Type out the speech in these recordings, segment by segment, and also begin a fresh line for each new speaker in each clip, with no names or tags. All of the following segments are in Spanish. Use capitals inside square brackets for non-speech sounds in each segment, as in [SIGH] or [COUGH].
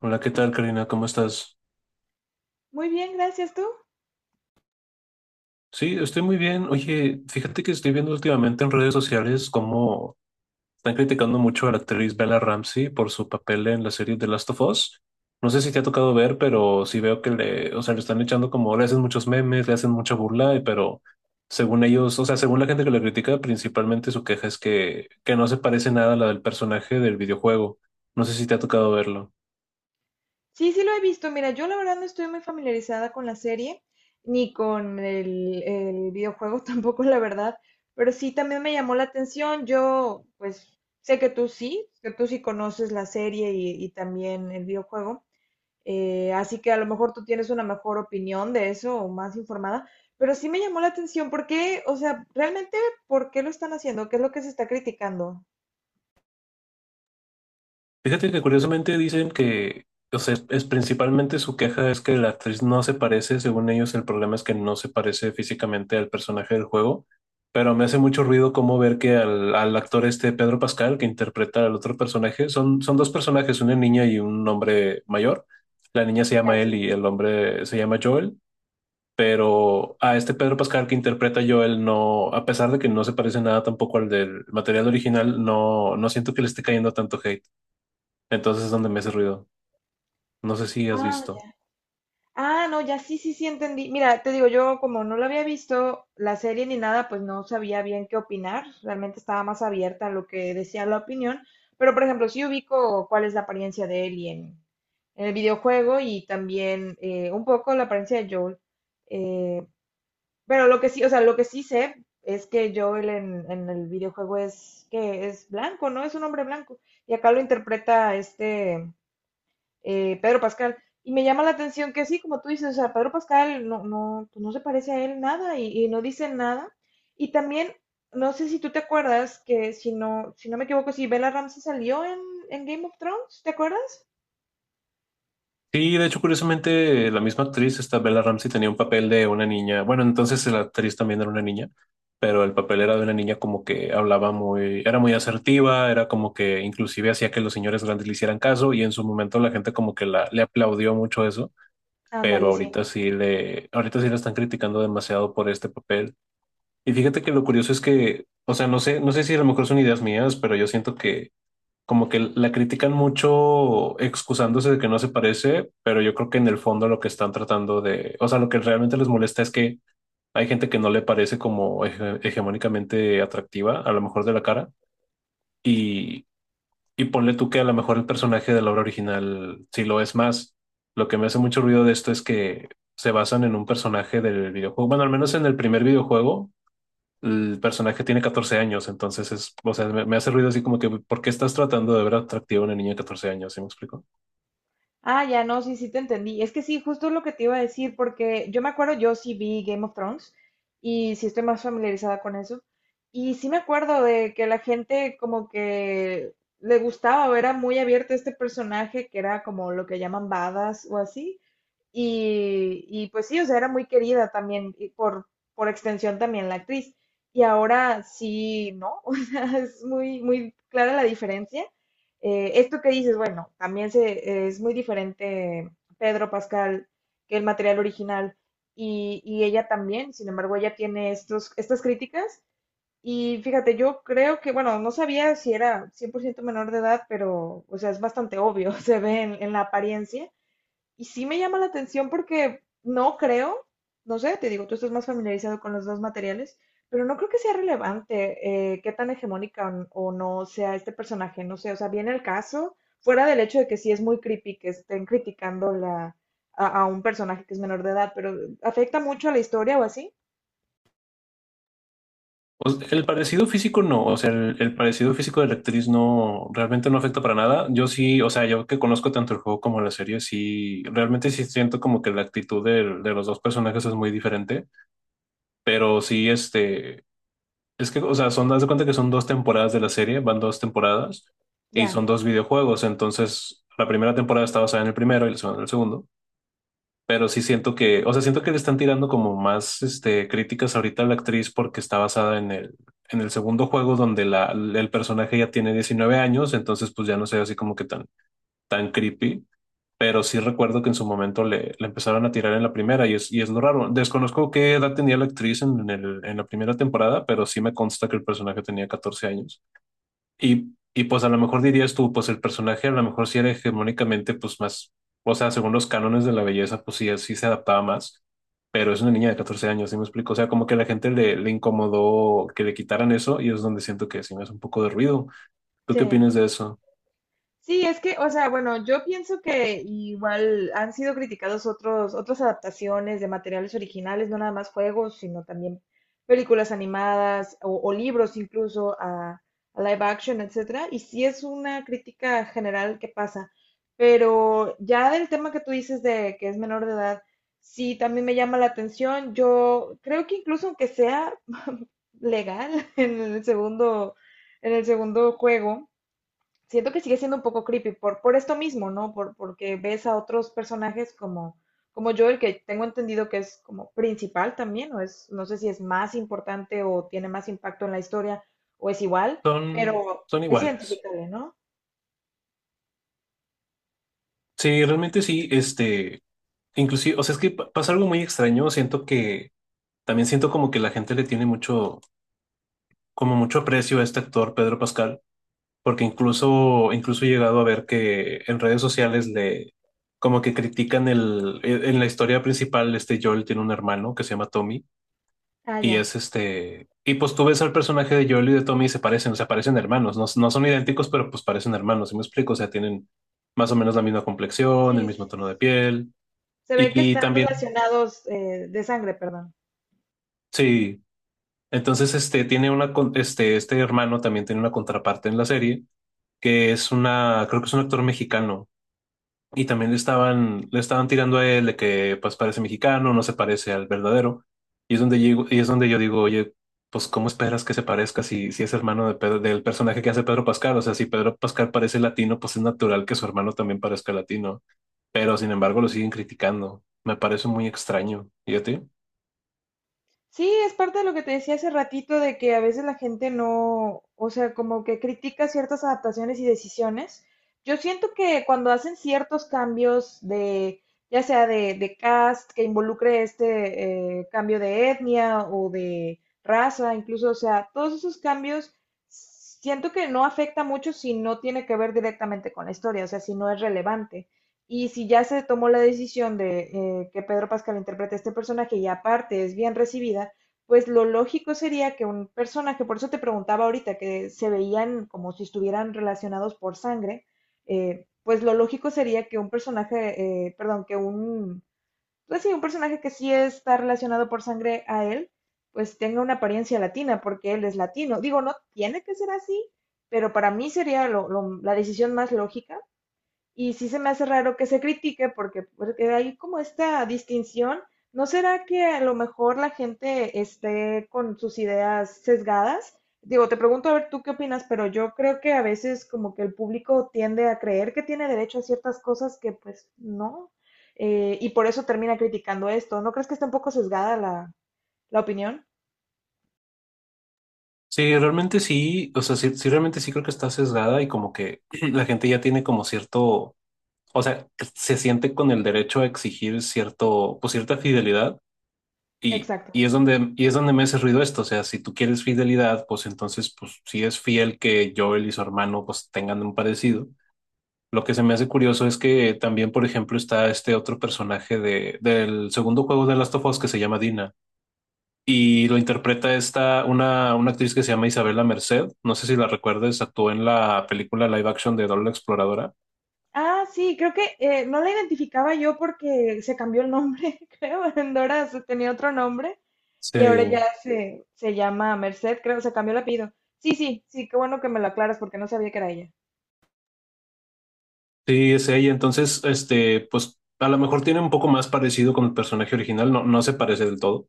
Hola, ¿qué tal, Karina? ¿Cómo estás?
Muy bien, gracias tú.
Sí, estoy muy bien. Oye, fíjate que estoy viendo últimamente en redes sociales cómo están criticando mucho a la actriz Bella Ramsey por su papel en la serie The Last of Us. No sé si te ha tocado ver, pero sí veo que le están echando como, le hacen muchos memes, le hacen mucha burla, pero según ellos, o sea, según la gente que la critica, principalmente su queja es que no se parece nada a la del personaje del videojuego. No sé si te ha tocado verlo.
Sí, sí lo he visto. Mira, yo la verdad no estoy muy familiarizada con la serie, ni con el videojuego [LAUGHS] tampoco, la verdad, pero sí también me llamó la atención. Yo, pues, sé que tú sí conoces la serie y también el videojuego, así que a lo mejor tú tienes una mejor opinión de eso o más informada, pero sí me llamó la atención. ¿Por qué? O sea, realmente, ¿por qué lo están haciendo? ¿Qué es lo que se está criticando?
Fíjate que curiosamente dicen que, o sea, es principalmente su queja es que la actriz no se parece, según ellos el problema es que no se parece físicamente al personaje del juego, pero me hace mucho ruido cómo ver que al actor este Pedro Pascal, que interpreta al otro personaje, son dos personajes, una niña y un hombre mayor. La niña se llama
Gracias.
Ellie y el hombre se llama Joel, pero a este Pedro Pascal que interpreta a Joel no, a pesar de que no se parece nada tampoco al del material original, no siento que le esté cayendo tanto hate. Entonces es donde me hace ruido. No sé si has
Ah,
visto.
ya. Ah, no, ya, sí, sí, sí entendí. Mira, te digo, yo como no lo había visto la serie ni nada, pues no sabía bien qué opinar. Realmente estaba más abierta a lo que decía la opinión. Pero, por ejemplo, sí ubico cuál es la apariencia de Ellie en el videojuego y también un poco la apariencia de Joel. Eh, pero lo que sí, o sea, lo que sí sé es que Joel en el videojuego es que es blanco, ¿no? Es un hombre blanco. Y acá lo interpreta Pedro Pascal. Y me llama la atención que sí, como tú dices, o sea, Pedro Pascal no, no, pues no se parece a él nada y, y no dice nada. Y también, no sé si tú te acuerdas que si no, si no me equivoco, si Bella Ramsey salió en Game of Thrones, ¿te acuerdas?
Sí, de hecho, curiosamente, la misma actriz, esta Bella Ramsey, tenía un papel de una niña. Bueno, entonces la actriz también era una niña, pero el papel era de una niña como que hablaba muy, era muy asertiva, era como que inclusive hacía que los señores grandes le hicieran caso y en su momento la gente como que le aplaudió mucho eso, pero
Ándale, sí.
ahorita sí la están criticando demasiado por este papel. Y fíjate que lo curioso es que, o sea, no sé si a lo mejor son ideas mías, pero yo siento que como que la critican mucho excusándose de que no se parece, pero yo creo que en el fondo lo que están tratando de, o sea, lo que realmente les molesta es que hay gente que no le parece como hegemónicamente atractiva, a lo mejor de la cara, y, y ponle tú que a lo mejor el personaje de la obra original sí lo es más. Lo que me hace mucho ruido de esto es que se basan en un personaje del videojuego, bueno, al menos en el primer videojuego el personaje tiene 14 años, entonces es, o sea, me hace ruido así como que, ¿por qué estás tratando de ver atractiva a una niña de 14 años? ¿Sí me explico?
Ah, ya no, sí, sí te entendí. Es que sí, justo lo que te iba a decir, porque yo me acuerdo, yo sí vi Game of Thrones y sí estoy más familiarizada con eso. Y sí me acuerdo de que la gente como que le gustaba o era muy abierta a este personaje que era como lo que llaman badas o así. Pues sí, o sea, era muy querida también, y por extensión también la actriz. Y ahora sí, ¿no? [LAUGHS] O sea, es muy, muy clara la diferencia. Esto que dices, bueno, también se, es muy diferente Pedro Pascal que el material original y ella también, sin embargo, ella tiene estos, estas críticas. Y fíjate, yo creo que, bueno, no sabía si era 100% menor de edad, pero, o sea, es bastante obvio, [LAUGHS] se ve en la apariencia. Y sí me llama la atención porque no creo, no sé, te digo, tú estás más familiarizado con los dos materiales, pero no creo que sea relevante qué tan hegemónica o o no sea este personaje, no sé, o sea, viene el caso, fuera del hecho de que sí es muy creepy que estén criticando la, a un personaje que es menor de edad, pero ¿afecta mucho a la historia o así?
O sea, el parecido físico no, o sea, el parecido físico de la actriz no, realmente no afecta para nada. Yo sí, o sea, yo que conozco tanto el juego como la serie, sí, realmente sí siento como que la los dos personajes es muy diferente, pero sí, este, es que, o sea, son, haz de cuenta que son dos temporadas de la serie, van dos temporadas. Y son
Ya,
dos videojuegos, entonces la primera temporada está basada en el primero y la segunda en el segundo. Pero sí siento que, o sea, siento que le están tirando como más este, críticas ahorita a la actriz porque está basada en el segundo juego donde el personaje ya tiene 19 años, entonces pues ya no sé así como que tan, tan creepy. Pero sí recuerdo que en su momento le empezaron a tirar en la primera y es lo raro. Desconozco qué edad tenía la actriz en la primera temporada, pero sí me consta que el personaje tenía 14 años. Y pues a lo mejor dirías tú, pues el personaje a lo mejor sí era hegemónicamente pues más, o sea, según los cánones de la belleza, pues sí, sí se adaptaba más, pero es una niña de 14 años, ¿sí me explico? O sea, como que a la gente le incomodó que le quitaran eso y es donde siento que sí me hace un poco de ruido. ¿Tú qué
sí.
opinas de eso?
Sí, es que, o sea, bueno, yo pienso que igual han sido criticados otros, otras adaptaciones de materiales originales, no nada más juegos, sino también películas animadas o libros incluso a live action, etcétera. Y sí es una crítica general que pasa. Pero ya del tema que tú dices de que es menor de edad, sí también me llama la atención. Yo creo que incluso aunque sea [LAUGHS] legal en el segundo, en el segundo juego siento que sigue siendo un poco creepy por esto mismo, ¿no? Por, porque ves a otros personajes como, como Joel, que tengo entendido que es como principal también, o es, no sé si es más importante o tiene más impacto en la historia, o es igual,
Son,
pero
son
es
iguales.
identificable, ¿no?
Sí, realmente sí, este, inclusive, o sea, es que pasa algo muy extraño, siento que, también siento como que la gente le tiene mucho, como mucho aprecio a este actor, Pedro Pascal porque incluso, incluso he llegado a ver que en redes sociales le, como que critican en la historia principal, este Joel tiene un hermano que se llama Tommy,
Ah, ya.
y pues tú ves al personaje de Joel y de Tommy y se parecen, o sea, parecen hermanos, no son idénticos, pero pues parecen hermanos, ¿sí me explico? O sea, tienen más o menos la misma complexión,
Sí,
el mismo tono de piel,
se ve que
y
están
también,
relacionados de sangre, perdón.
sí, entonces este, este, este hermano también tiene una contraparte en la serie, creo que es un actor mexicano. Y también le estaban tirando a él de que pues parece mexicano, no se parece al verdadero. Y es donde llego, y es donde yo digo, oye, pues ¿cómo esperas que se parezca si, si es hermano de del personaje que hace Pedro Pascal? O sea, si Pedro Pascal parece latino, pues es natural que su hermano también parezca latino. Pero sin embargo lo siguen criticando. Me parece muy extraño. ¿Y a ti?
Sí, es parte de lo que te decía hace ratito de que a veces la gente no, o sea, como que critica ciertas adaptaciones y decisiones. Yo siento que cuando hacen ciertos cambios de, ya sea de cast, que involucre cambio de etnia o de raza, incluso, o sea, todos esos cambios, siento que no afecta mucho si no tiene que ver directamente con la historia, o sea, si no es relevante. Y si ya se tomó la decisión de que Pedro Pascal interprete a este personaje y aparte es bien recibida, pues lo lógico sería que un personaje, por eso te preguntaba ahorita, que se veían como si estuvieran relacionados por sangre, pues lo lógico sería que un personaje, perdón, que un, pues sí, un personaje que sí está relacionado por sangre a él, pues tenga una apariencia latina, porque él es latino. Digo, no tiene que ser así, pero para mí sería la decisión más lógica y sí se me hace raro que se critique porque, porque hay como esta distinción. ¿No será que a lo mejor la gente esté con sus ideas sesgadas? Digo, te pregunto a ver tú qué opinas, pero yo creo que a veces como que el público tiende a creer que tiene derecho a ciertas cosas que pues no, y por eso termina criticando esto. ¿No crees que está un poco sesgada la, la opinión?
Sí, realmente sí, o sea, sí, sí, realmente sí creo que está sesgada y como que [CLEARS THROAT] la gente ya tiene como cierto, o sea, que se siente con el derecho a exigir cierto, pues cierta fidelidad.
Exacto.
Y es donde me hace ruido esto. O sea, si tú quieres fidelidad, pues entonces, pues sí es fiel que Joel y su hermano pues tengan un parecido. Lo que se me hace curioso es que también, por ejemplo, está este otro personaje del segundo juego de Last of Us que se llama Dina y lo interpreta una actriz que se llama Isabela Merced. No sé si la recuerdes, actuó en la película live action de Dora la Exploradora.
Ah, sí, creo que no la identificaba yo porque se cambió el nombre, [LAUGHS] creo. Endora tenía otro nombre y ahora
Sí,
ya se llama Merced, creo, se cambió el apellido. Sí, sí, sí, qué bueno que me lo aclaras porque no sabía que era ella.
sí, es ella. Entonces, este, pues a lo mejor tiene un poco más parecido con el personaje original, no se parece del todo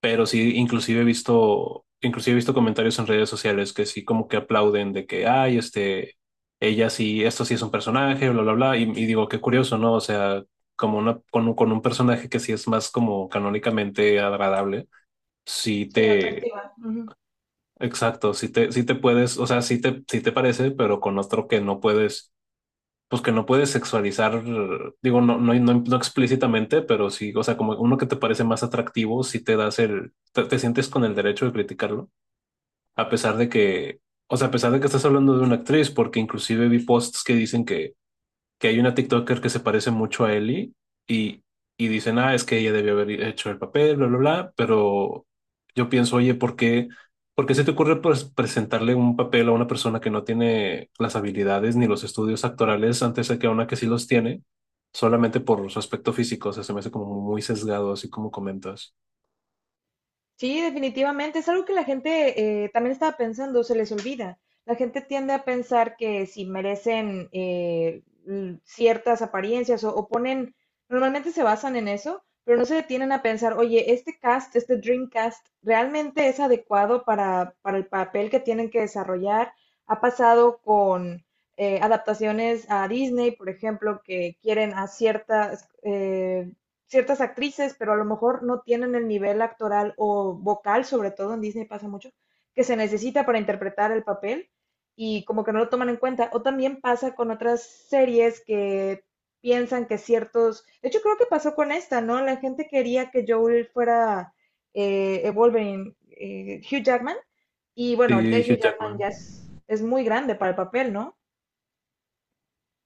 pero sí, inclusive he visto comentarios en redes sociales que sí como que aplauden de que, ay, este, ella sí, esto sí es un personaje, bla, bla, bla, y digo, qué curioso, ¿no? O sea, como una, con un personaje que sí es más como canónicamente agradable, sí
Sí,
te,
atractiva. Ujú.
exacto, sí te, sí te parece, pero con otro que no puedes pues que no puedes sexualizar, digo, no, no, no, no explícitamente, pero sí, o sea, como uno que te parece más atractivo, si te das te sientes con el derecho de criticarlo, a pesar de que, o sea, a pesar de que estás hablando de una actriz, porque inclusive vi posts que dicen que hay una TikToker que se parece mucho a Ellie y, y dicen, ah, es que ella debió haber hecho el papel, bla, bla, bla, pero yo pienso, oye, por qué se te ocurre pues, presentarle un papel a una persona que no tiene las habilidades ni los estudios actorales antes de que a una que sí los tiene? Solamente por su aspecto físico, o sea, se me hace como muy sesgado, así como comentas.
Sí, definitivamente. Es algo que la gente también estaba pensando, se les olvida. La gente tiende a pensar que si merecen ciertas apariencias o ponen, normalmente se basan en eso, pero no se detienen a pensar, oye, este cast, este dream cast, ¿realmente es adecuado para el papel que tienen que desarrollar? Ha pasado con adaptaciones a Disney, por ejemplo, que quieren a ciertas ciertas actrices, pero a lo mejor no tienen el nivel actoral o vocal, sobre todo en Disney pasa mucho, que se necesita para interpretar el papel y como que no lo toman en cuenta. O también pasa con otras series que piensan que ciertos, de hecho creo que pasó con esta, ¿no? La gente quería que Joel fuera Wolverine, Hugh Jackman, y bueno, ahorita
Sí, Hugh
Hugh Jackman
Jackman.
ya es muy grande para el papel, ¿no?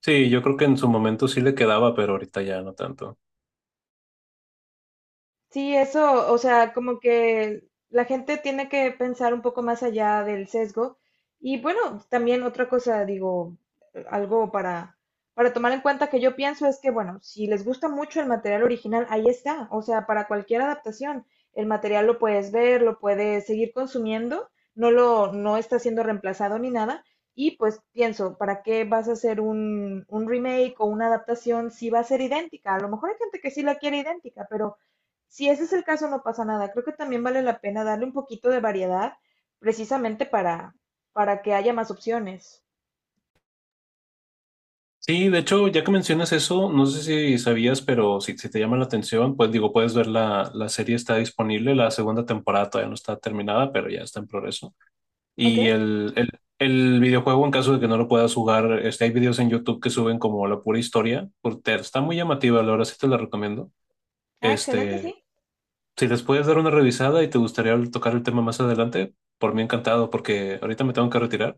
Sí, yo creo que en su momento sí le quedaba, pero ahorita ya no tanto.
Sí, eso, o sea, como que la gente tiene que pensar un poco más allá del sesgo. Y bueno, también otra cosa, digo, algo para tomar en cuenta que yo pienso es que, bueno, si les gusta mucho el material original, ahí está. O sea, para cualquier adaptación, el material lo puedes ver, lo puedes seguir consumiendo, no lo, no está siendo reemplazado ni nada. Y pues pienso, ¿para qué vas a hacer un remake o una adaptación si va a ser idéntica? A lo mejor hay gente que sí la quiere idéntica, pero si ese es el caso, no pasa nada. Creo que también vale la pena darle un poquito de variedad precisamente para que haya más opciones.
Sí, de hecho, ya que mencionas eso, no sé si sabías, pero si, si te llama la atención, pues digo, puedes ver la serie está disponible, la segunda temporada todavía no está terminada, pero ya está en progreso.
¿Ok?
Y el videojuego, en caso de que no lo puedas jugar, este, hay videos en YouTube que suben como la pura historia, porque está muy llamativa, la verdad sí te la recomiendo.
Ah, excelente,
Este,
sí.
si les puedes dar una revisada y te gustaría tocar el tema más adelante, por mí encantado, porque ahorita me tengo que retirar.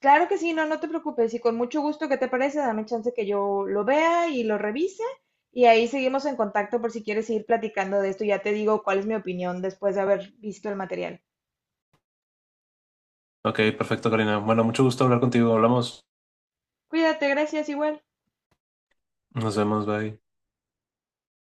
Claro que sí, no, no te preocupes. Y con mucho gusto, ¿qué te parece? Dame chance que yo lo vea y lo revise. Y ahí seguimos en contacto por si quieres seguir platicando de esto. Ya te digo cuál es mi opinión después de haber visto el material.
Ok, perfecto, Karina. Bueno, mucho gusto hablar contigo, hablamos.
Cuídate, gracias, igual.
Nos vemos, bye.